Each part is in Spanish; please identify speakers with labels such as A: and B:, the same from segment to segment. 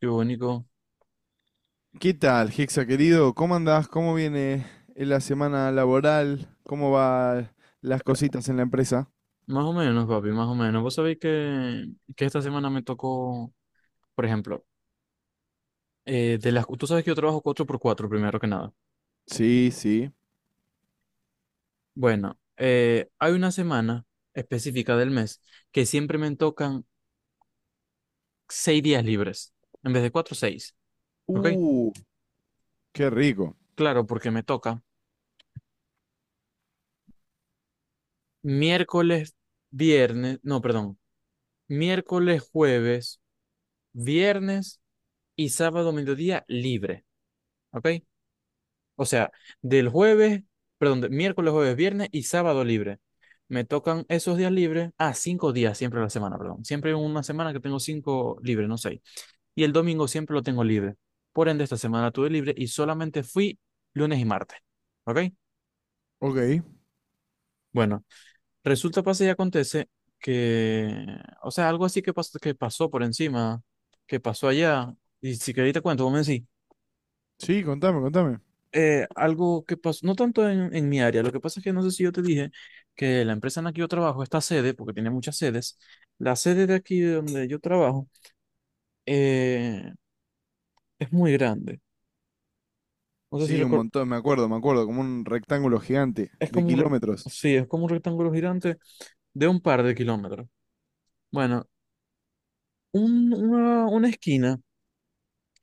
A: Qué bonito.
B: ¿Qué tal, Hexa querido? ¿Cómo andás? ¿Cómo viene la semana laboral? ¿Cómo van las cositas en la empresa?
A: Más o menos, papi, más o menos. Vos sabéis que esta semana me tocó, por ejemplo, tú sabes que yo trabajo cuatro por cuatro primero que nada.
B: Sí, sí.
A: Bueno, hay una semana específica del mes que siempre me tocan seis días libres, en vez de cuatro, seis. ¿Ok?
B: Uh, qué rico.
A: Claro, porque me toca miércoles, viernes, no, perdón, miércoles, jueves, viernes y sábado, mediodía libre. ¿Ok? O sea, del jueves, perdón, de miércoles, jueves, viernes y sábado libre. Me tocan esos días libres. Ah, cinco días siempre a la semana, perdón. Siempre hay una semana que tengo cinco libres, no seis. Y el domingo siempre lo tengo libre. Por ende, esta semana tuve libre y solamente fui lunes y martes. ¿Ok?
B: Ok.
A: Bueno, resulta, pasa y acontece que, o sea, algo así que pasó por encima, que pasó allá. Y si queréis te cuento, vos me decís.
B: Sí, contame, contame.
A: Algo que pasó, no tanto en mi área, lo que pasa es que no sé si yo te dije que la empresa en la que yo trabajo, esta sede, porque tiene muchas sedes, la sede de aquí de donde yo trabajo eh, es muy grande. No sé si
B: Sí, un
A: recuerdo,
B: montón, me acuerdo, como un rectángulo gigante
A: es
B: de
A: como un, re-
B: kilómetros.
A: sí, es como un rectángulo gigante de un par de kilómetros. Bueno, una esquina,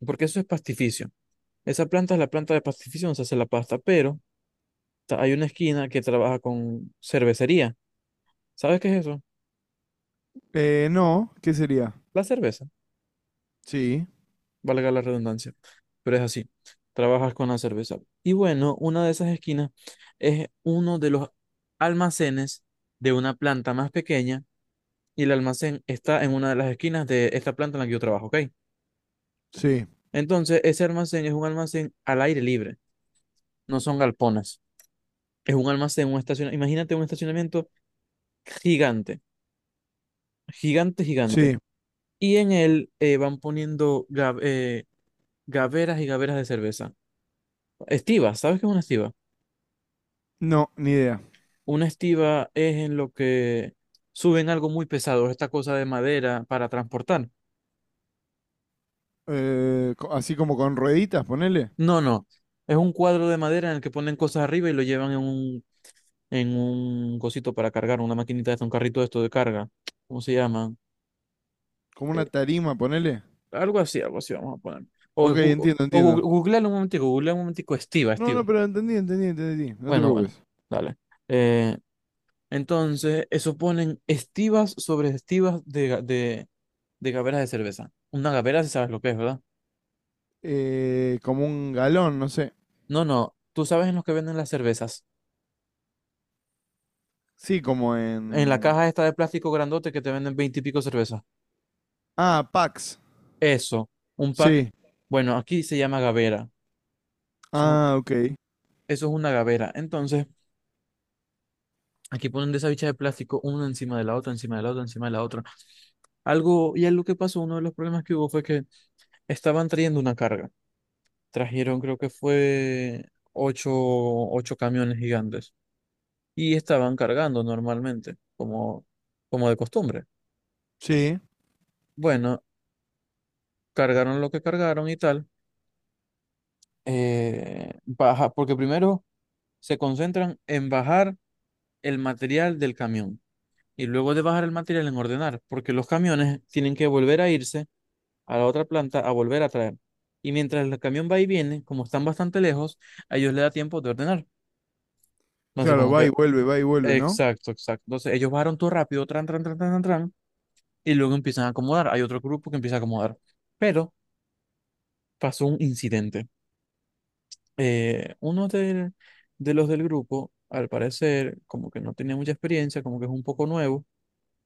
A: porque eso es pastificio. Esa planta es la planta de pastificio donde se hace la pasta, pero hay una esquina que trabaja con cervecería. ¿Sabes qué es eso?
B: No, ¿qué sería?
A: La cerveza.
B: Sí,
A: Valga la redundancia, pero es así, trabajas con la cerveza. Y bueno, una de esas esquinas es uno de los almacenes de una planta más pequeña y el almacén está en una de las esquinas de esta planta en la que yo trabajo, ¿ok?
B: sí,
A: Entonces, ese almacén es un almacén al aire libre, no son galpones, es un almacén, un estacionamiento, imagínate un estacionamiento gigante, gigante, gigante.
B: sí.
A: Y en él van poniendo gaveras y gaveras de cerveza. Estiva, ¿sabes qué es una estiva?
B: No, ni idea.
A: Una estiva es en lo que suben algo muy pesado, esta cosa de madera para transportar.
B: Así como con rueditas, ponele.
A: No, no. Es un cuadro de madera en el que ponen cosas arriba y lo llevan en un cosito para cargar, una maquinita de un carrito de esto de carga. ¿Cómo se llama?
B: Como una
A: Eh,
B: tarima, ponele.
A: Algo así, algo así vamos a poner. O, es
B: Ok,
A: gu-
B: entiendo,
A: o gu-
B: entiendo.
A: googlealo un momentico, estiva,
B: No,
A: estiva.
B: no, pero entendí, entendí, entendí. No te
A: Bueno, bueno,
B: preocupes.
A: dale. Eh, entonces, eso ponen estivas sobre estivas de gaveras de cerveza. Una gavera, si sabes lo que es, ¿verdad?
B: Como un galón, no sé.
A: No, no, tú sabes en los que venden las cervezas.
B: Sí, como
A: En la
B: en...
A: caja esta de plástico grandote que te venden 20 y pico cervezas.
B: Ah, Pax.
A: Eso, un pack.
B: Sí.
A: Bueno, aquí se llama gavera. Eso,
B: Ah, ok.
A: eso es una gavera. Entonces, aquí ponen de esa bicha de plástico una encima de la otra, encima de la otra, encima de la otra. Algo, y algo que pasó, uno de los problemas que hubo fue que estaban trayendo una carga. Trajeron, creo que fue ocho camiones gigantes. Y estaban cargando normalmente, como de costumbre.
B: Sí.
A: Bueno, cargaron lo que cargaron y tal, baja, porque primero se concentran en bajar el material del camión y luego de bajar el material en ordenar, porque los camiones tienen que volver a irse a la otra planta a volver a traer. Y mientras el camión va y viene, como están bastante lejos, a ellos les da tiempo de ordenar. Entonces,
B: Claro,
A: como que,
B: va y vuelve, ¿no?
A: exacto, exacto. Entonces, ellos bajaron todo rápido, tran, tran, tran, tran, tran, tran, y luego empiezan a acomodar. Hay otro grupo que empieza a acomodar. Pero pasó un incidente. eh, uno del- de los del grupo, al parecer, como que no tenía mucha experiencia, como que es un poco nuevo,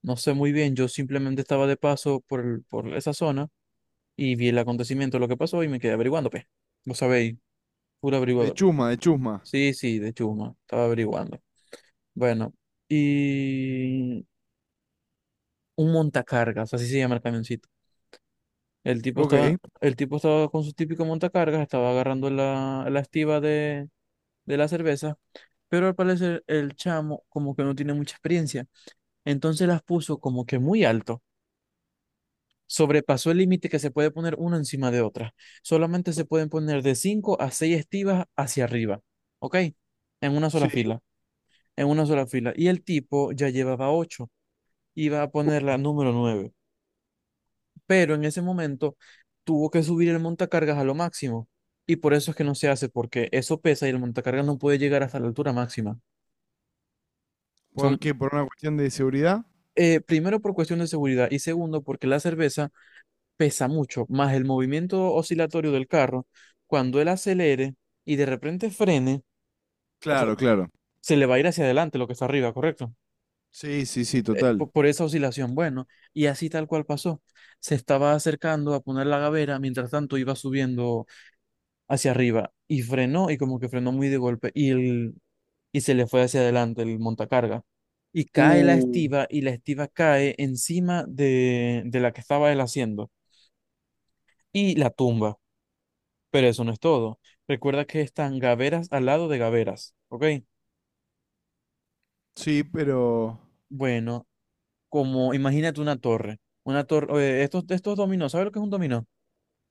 A: no sé muy bien, yo simplemente estaba de paso por, por esa zona y vi el acontecimiento, lo que pasó y me quedé averiguando, pues, vos sabéis, puro
B: De
A: averiguador.
B: chusma, de chusma.
A: Sí, sí, de chuma, estaba averiguando. Bueno, y un montacargas, así se llama el camioncito. El tipo
B: Ok.
A: estaba, el tipo estaba con su típico montacargas, estaba agarrando la estiba de la cerveza, pero al parecer el chamo como que no tiene mucha experiencia. Entonces las puso como que muy alto. Sobrepasó el límite que se puede poner una encima de otra. Solamente se pueden poner de 5 a 6 estivas hacia arriba. ¿Ok? En una sola
B: Sí.
A: fila. En una sola fila. Y el tipo ya llevaba ocho. Iba a poner la número nueve, pero en ese momento tuvo que subir el montacargas a lo máximo. Y por eso es que no se hace, porque eso pesa y el montacargas no puede llegar hasta la altura máxima. Son,
B: ¿Por qué? ¿Por una cuestión de seguridad?
A: primero por cuestión de seguridad y segundo porque la cerveza pesa mucho, más el movimiento oscilatorio del carro, cuando él acelere y de repente frene, o sea,
B: Claro, claro.
A: se le va a ir hacia adelante lo que está arriba, ¿correcto?
B: Sí, sí, sí, total.
A: Por esa oscilación, bueno, y así tal cual pasó. Se estaba acercando a poner la gavera, mientras tanto iba subiendo hacia arriba y frenó y como que frenó muy de golpe y se le fue hacia adelante el montacarga. Y cae la
B: Uh,
A: estiba y la estiba cae encima de la que estaba él haciendo y la tumba. Pero eso no es todo. Recuerda que están gaveras al lado de gaveras, ¿ok?
B: sí, pero...
A: Bueno, como imagínate una torre. Una torre, estos dominó, ¿sabes lo que es un dominó?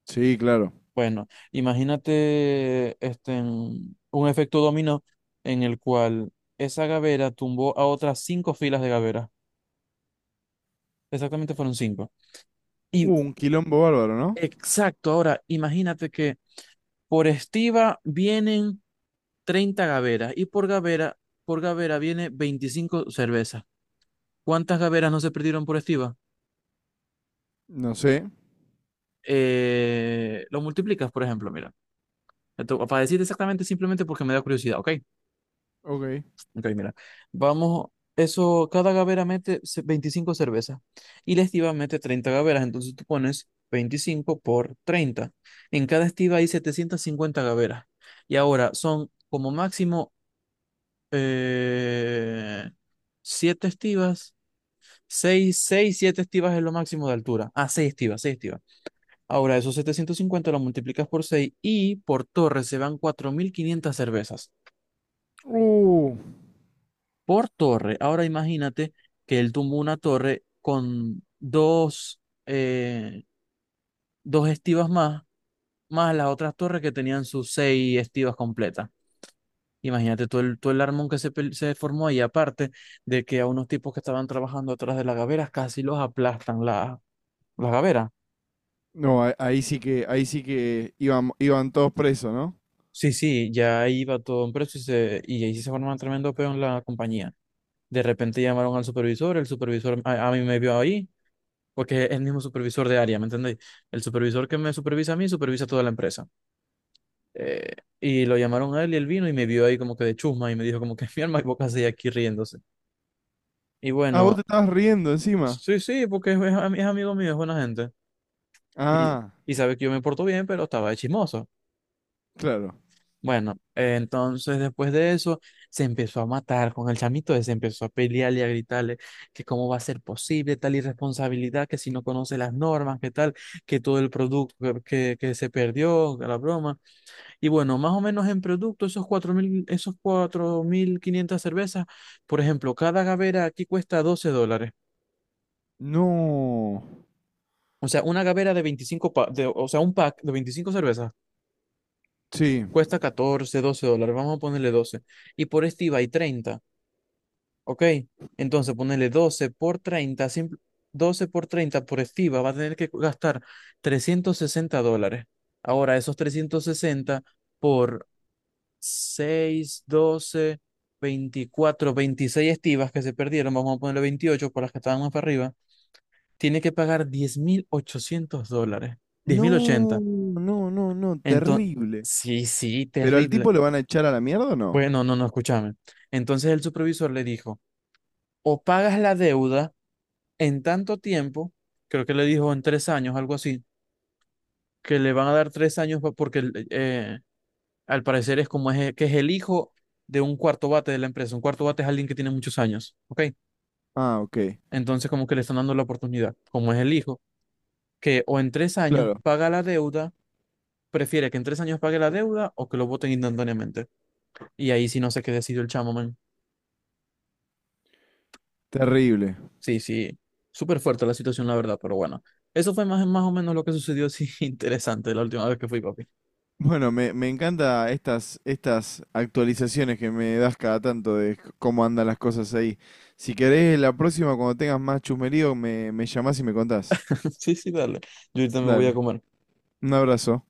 B: Sí, claro.
A: Bueno, imagínate este, en un efecto dominó en el cual esa gavera tumbó a otras cinco filas de gaveras. Exactamente fueron cinco. Y
B: Un quilombo bárbaro, ¿no?
A: exacto, ahora imagínate que por estiva vienen 30 gaveras y por gavera viene 25 cervezas. ¿Cuántas gaveras no se perdieron por estiva?
B: No sé.
A: Lo multiplicas, por ejemplo, mira. Para decirte exactamente, simplemente porque me da curiosidad, ¿ok?
B: Ok.
A: Ok, mira. Vamos, eso, cada gavera mete 25 cervezas y la estiva mete 30 gaveras, entonces tú pones 25 por 30. En cada estiva hay 750 gaveras. Y ahora son como máximo eh, 7 estivas, 7 estivas es lo máximo de altura. Ah, seis estivas. Ahora esos 750 lo multiplicas por 6 y por torre se van 4.500 cervezas.
B: Uh.
A: Por torre. Ahora imagínate que él tumbó una torre con eh, dos estivas más, más las otras torres que tenían sus seis estivas completas. Imagínate todo todo el armón que se formó ahí, aparte de que a unos tipos que estaban trabajando atrás de las gaveras casi los aplastan las gaveras.
B: No, ahí sí que iban, iban todos presos, ¿no?
A: Sí, sí, ya ahí iba todo en precio y ahí sí se formó un tremendo peo en la compañía. De repente llamaron al supervisor, el supervisor a mí me vio ahí. Porque es el mismo supervisor de área, ¿me entendéis? El supervisor que me supervisa a mí, supervisa toda la empresa. Eh, y lo llamaron a él y él vino y me vio ahí como que de chusma y me dijo como que mi alma y boca así aquí riéndose. Y
B: Ah, vos te
A: bueno,
B: estabas riendo encima.
A: sí, sí, porque es amigo mío, es buena gente. Y,
B: Ah,
A: y sabe que yo me porto bien, pero estaba de chismoso.
B: claro.
A: Bueno, entonces después de eso se empezó a matar con el chamito ese, empezó a pelearle y a gritarle que cómo va a ser posible tal irresponsabilidad, que si no conoce las normas, que tal, que todo el producto que se perdió, que la broma. Y bueno, más o menos en producto, esos 4.500 cervezas, por ejemplo, cada gavera aquí cuesta $12.
B: No.
A: O sea, una gavera de 25 o sea, un pack de 25 cervezas
B: Sí.
A: cuesta 14 $12. Vamos a ponerle 12. Y por este iba y treinta. Ok, entonces ponerle 12 por 30, 12 por 30 por estiva, va a tener que gastar $360. Ahora, esos 360 por 6, 12, 24, 26 estivas que se perdieron, vamos a ponerle 28 por las que estaban más para arriba, tiene que pagar $10.800, diez mil
B: No,
A: ochenta.
B: no, no, no,
A: Entonces,
B: terrible.
A: sí, sí,
B: ¿Pero al
A: terrible.
B: tipo lo van a echar a la mierda o no?
A: Bueno, no, no, escúchame. Entonces el supervisor le dijo: o pagas la deuda en tanto tiempo, creo que le dijo en 3 años, algo así, que le van a dar 3 años porque al parecer es como es, que es el hijo de un cuarto bate de la empresa. Un cuarto bate es alguien que tiene muchos años, ¿ok?
B: Ah, ok.
A: Entonces como que le están dando la oportunidad, como es el hijo, que o en 3 años
B: Claro,
A: paga la deuda, prefiere que en 3 años pague la deuda o que lo voten instantáneamente. Y ahí sí no sé qué decidió el chamo, man.
B: terrible.
A: Sí, sí, súper fuerte la situación, la verdad, pero bueno, eso fue más, más o menos lo que sucedió, sí, interesante la última vez que fui, papi.
B: Bueno, me encanta estas, estas actualizaciones que me das cada tanto de cómo andan las cosas ahí. Si querés, la próxima, cuando tengas más chusmerío, me llamás y me contás.
A: Sí, sí, dale, yo ahorita me voy a
B: Dale,
A: comer.
B: un abrazo.